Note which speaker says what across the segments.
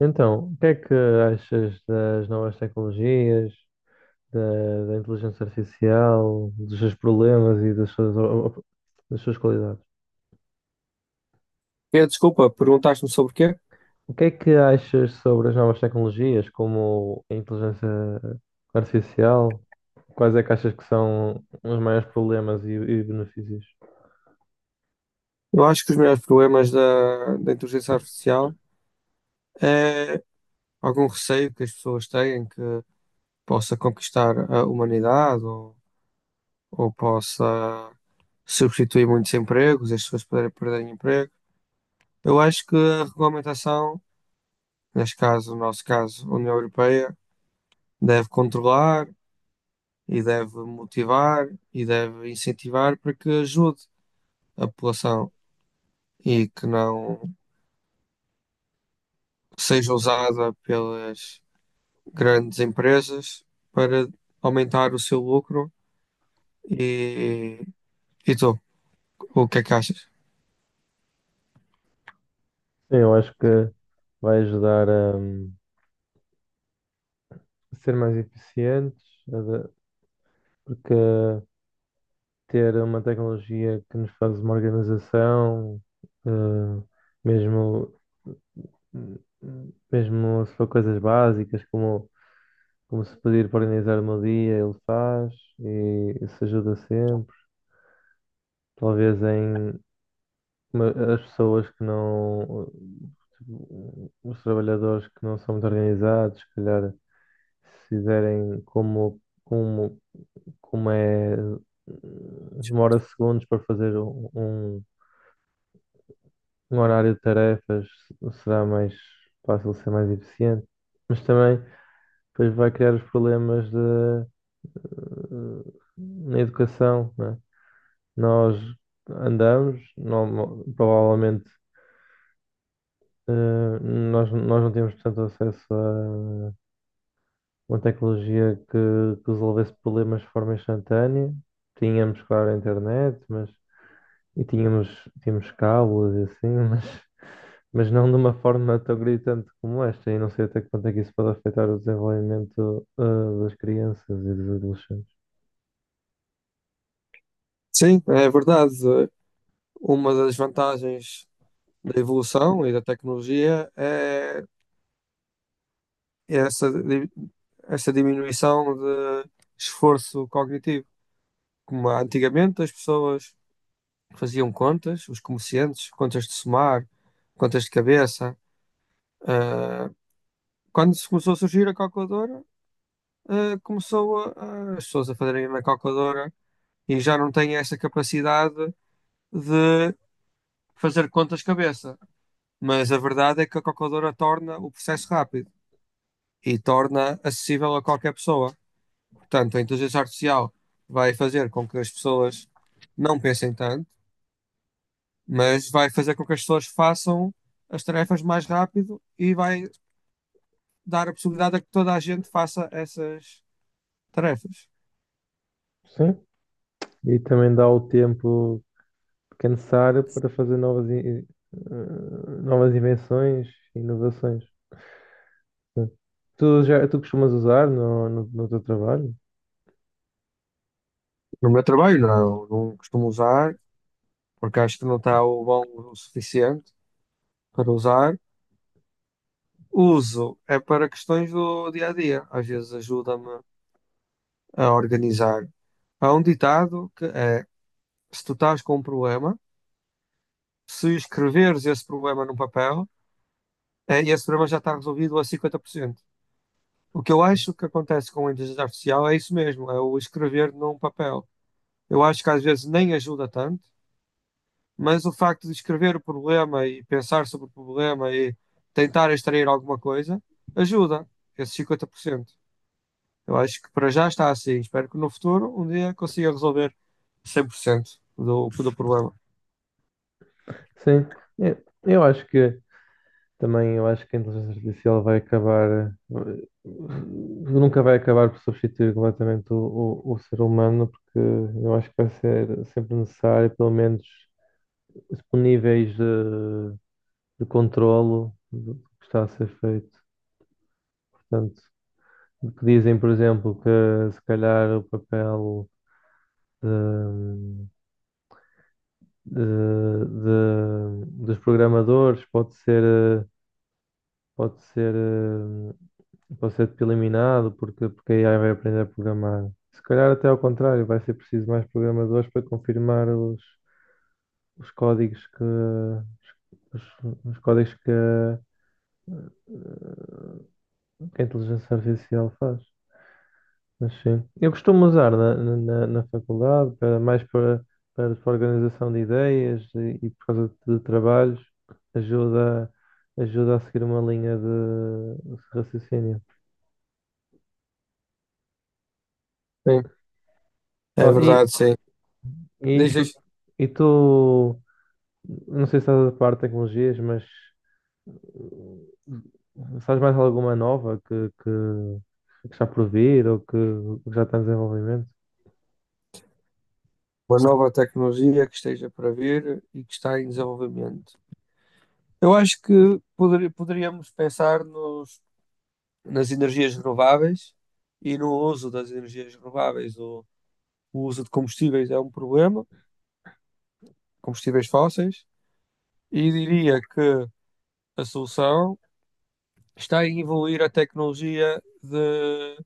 Speaker 1: Então, o que é que achas das novas tecnologias, da inteligência artificial, dos seus problemas e das suas, das suas qualidades?
Speaker 2: Desculpa, perguntaste-me sobre o quê?
Speaker 1: O que é que achas sobre as novas tecnologias, como a inteligência artificial? Quais é que achas que são os maiores problemas e benefícios?
Speaker 2: Eu acho que os melhores problemas da inteligência artificial é algum receio que as pessoas têm que possa conquistar a humanidade ou possa substituir muitos empregos, as pessoas poderem perderem emprego. Eu acho que a regulamentação, neste caso, no nosso caso, a União Europeia, deve controlar e deve motivar e deve incentivar para que ajude a população e que não seja usada pelas grandes empresas para aumentar o seu lucro e, e tu, o que é que achas?
Speaker 1: Sim, eu acho que vai ajudar a, ser mais eficientes, a da- porque ter uma tecnologia que nos faz uma organização, eh, mesmo, mesmo se for coisas básicas, como se pedir para organizar o meu dia, ele faz e isso ajuda sempre. Talvez em as pessoas que não, tipo, os trabalhadores que não são muito organizados, se calhar se fizerem como é, demora segundos para fazer um horário de tarefas será mais fácil ser mais eficiente, mas também depois vai criar os problemas de, eh, na educação, né? Nós andamos, provavelmente nós não temos tanto acesso a uma tecnologia que resolvesse problemas de forma instantânea. Tínhamos, claro, a internet, mas e tínhamos, tínhamos cabos e assim, mas não de uma forma tão gritante como esta, e não sei até que ponto é que isso pode afetar o desenvolvimento, ah, das crianças e dos adolescentes.
Speaker 2: Sim, é verdade. Uma das vantagens da evolução e da tecnologia é essa, di- essa diminuição de esforço cognitivo. Como antigamente as pessoas faziam contas, os comerciantes, contas de somar, contas de cabeça. Ah, quando se começou a surgir a calculadora, começou as pessoas a fazerem na calculadora e já não têm essa capacidade de fazer contas de cabeça. Mas a verdade é que a calculadora torna o processo rápido e torna acessível a qualquer pessoa. Portanto, a inteligência artificial vai fazer com que as pessoas não pensem tanto, mas vai fazer com que as pessoas façam as tarefas mais rápido e vai dar a possibilidade a que toda a gente faça essas tarefas.
Speaker 1: Sim. E também dá o tempo que é necessário para fazer novas, novas invenções, e inovações. Sim. Tu costumas usar no teu trabalho?
Speaker 2: No meu trabalho, não, não costumo usar, porque acho que não está o bom o suficiente para usar. Uso é para questões do dia a dia, às vezes ajuda-me a organizar. Há um ditado que é: se tu estás com um problema, se escreveres esse problema num papel, é, esse problema já está resolvido a 50%. O que eu acho que acontece com a inteligência artificial é isso mesmo, é o escrever num papel. Eu acho que às vezes nem ajuda tanto, mas o facto de escrever o problema e pensar sobre o problema e tentar extrair alguma coisa ajuda esses cinquenta por cento. Eu acho que para já está assim. Espero que no futuro um dia consiga resolver 100% do problema.
Speaker 1: Sim, eu acho que também eu acho que a inteligência artificial vai acabar, nunca vai acabar por substituir completamente o ser humano, porque eu acho que vai ser sempre necessário, pelo menos, os níveis de controlo do que está a ser feito. Portanto, o que dizem, por exemplo, que se calhar o papel de- de- dos programadores pode ser, eh, pode ser eh, vou ser tipo eliminado porque, porque a AI vai aprender a programar. Se calhar até ao contrário, vai ser preciso mais programadores para confirmar os códigos que os, os códigos que a inteligência artificial faz. Mas sim. Eu costumo usar na faculdade para mais para, para, para, organização de ideias e por causa de trabalhos ajuda, ajuda a seguir uma linha de raciocínio.
Speaker 2: Sim, é
Speaker 1: Bom,
Speaker 2: verdade, sim.
Speaker 1: e tu,
Speaker 2: Dizes
Speaker 1: e tu, não sei se estás a par de tecnologias, mas sabes mais alguma nova que está por vir ou que já está em desenvolvimento?
Speaker 2: uma nova tecnologia que esteja para vir e que está em desenvolvimento. Eu acho que poderíamos pensar nas energias renováveis e no uso das energias renováveis. O uso de combustíveis é um problema, combustíveis fósseis e diria que a solução está em evoluir a tecnologia de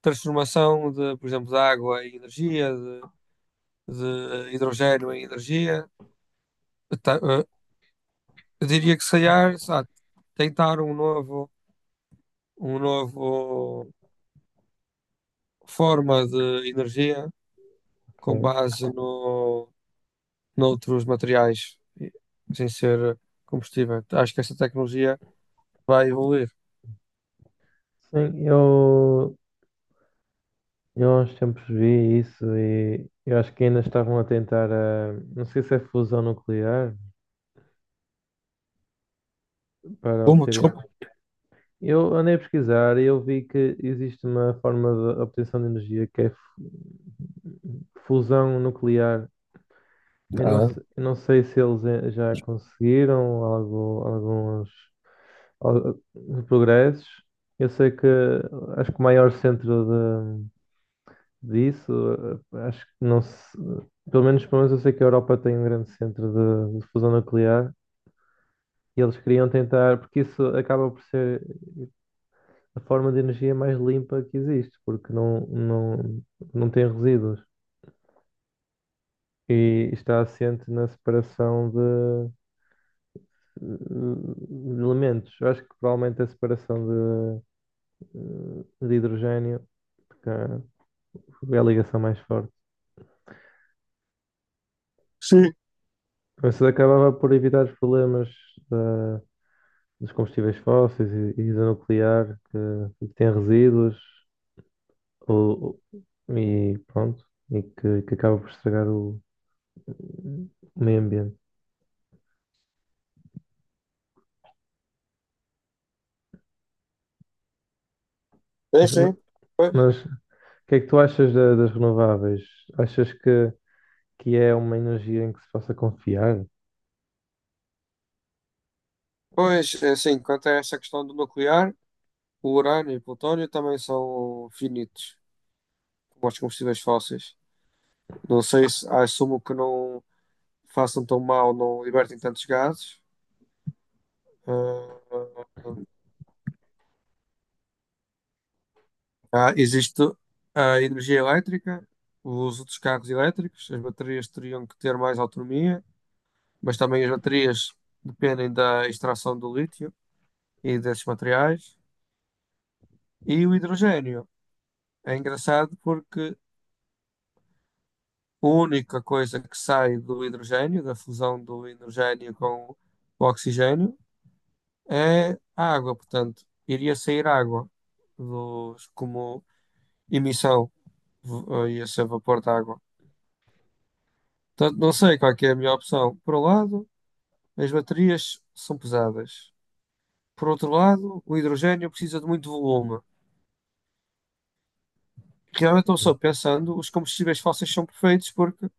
Speaker 2: transformação de, por exemplo, de água em energia, de hidrogênio em energia. eh, Eu diria que se calhar tentar um novo forma de energia com
Speaker 1: Ok.
Speaker 2: base noutros materiais sem ser combustível. Acho que essa tecnologia vai evoluir.
Speaker 1: Sim, eu há uns tempos vi isso e eu acho que ainda estavam a tentar, a, não sei se é fusão nuclear para
Speaker 2: Como?
Speaker 1: obter.
Speaker 2: Desculpa.
Speaker 1: Eu andei a pesquisar e eu vi que existe uma forma de obtenção de energia que é fusão nuclear.
Speaker 2: Ah,
Speaker 1: Eu não sei se eles já conseguiram algo, alguns progressos. Eu sei que acho que o maior centro de, disso, acho que não se. Pelo menos eu sei que a Europa tem um grande centro de fusão nuclear e eles queriam tentar, porque isso acaba por ser a forma de energia mais limpa que existe, porque não tem resíduos e está assente na separação elementos. Eu acho que provavelmente a separação de, de hidrogênio, porque é a ligação mais forte.
Speaker 2: sim,
Speaker 1: Mas isso acabava por evitar os problemas da- dos combustíveis fósseis e da nuclear, que tem resíduos ou, e pronto, que acaba por estragar o meio ambiente.
Speaker 2: é
Speaker 1: Mas,
Speaker 2: sim. Pois,
Speaker 1: mas o que é que tu achas das renováveis? Achas que é uma energia em que se possa confiar?
Speaker 2: pois, é assim, quanto a essa questão do nuclear, o urânio e o plutônio também são finitos, como os combustíveis fósseis. Não sei se assumo que não façam tão mal, não libertem tantos gases. Ah, Existe a energia elétrica, os outros carros elétricos, as baterias teriam que ter mais autonomia, mas também as baterias dependem da extração do lítio e desses materiais. E o hidrogênio. É engraçado porque a única coisa que sai do hidrogênio, da fusão do hidrogênio com o oxigênio, é a água. Portanto, iria sair água dos, como emissão, ia ser vapor de água. Portanto, não sei qual é que é a melhor opção. Por um lado, as baterias são pesadas. Por outro lado, o hidrogênio precisa de muito volume. Realmente, eu estou só pensando, os combustíveis fósseis são perfeitos porque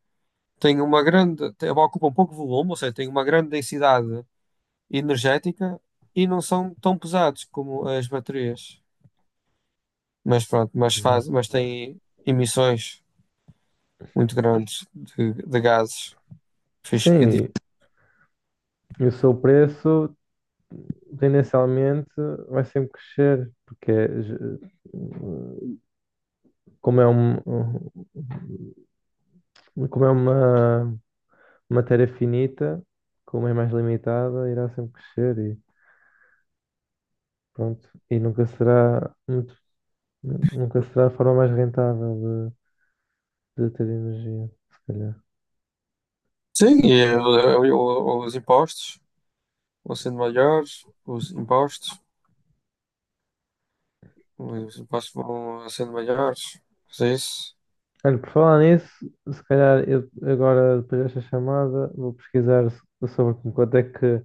Speaker 2: têm uma grande, ocupam pouco volume, ou seja, têm uma grande densidade energética e não são tão pesados como as baterias. Mas pronto, mas faz,
Speaker 1: Exato.
Speaker 2: mas têm emissões muito grandes de gases. Fiz- e di-
Speaker 1: Sim, e o seu preço, tendencialmente, vai sempre crescer, porque é como é, um, um- como é uma matéria finita, como é mais limitada, irá sempre crescer e pronto. E nunca será muito, nunca será a forma mais rentável de ter energia, se calhar.
Speaker 2: Sim, os impostos vão sendo maiores, os impostos vão sendo maiores. Mas é isso.
Speaker 1: Olha, por falar nisso, se calhar eu agora, depois desta chamada, vou pesquisar sobre com quanto é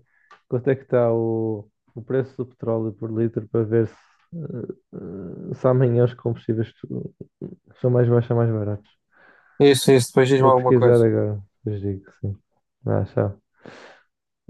Speaker 1: quanto é que está o preço do petróleo por litro para ver se, eh, se amanhã os combustíveis são mais baixos ou mais baratos.
Speaker 2: É isso, é isso. Depois diz-me
Speaker 1: Vou
Speaker 2: alguma
Speaker 1: pesquisar
Speaker 2: coisa.
Speaker 1: agora, depois digo, sim. Ah, tchau.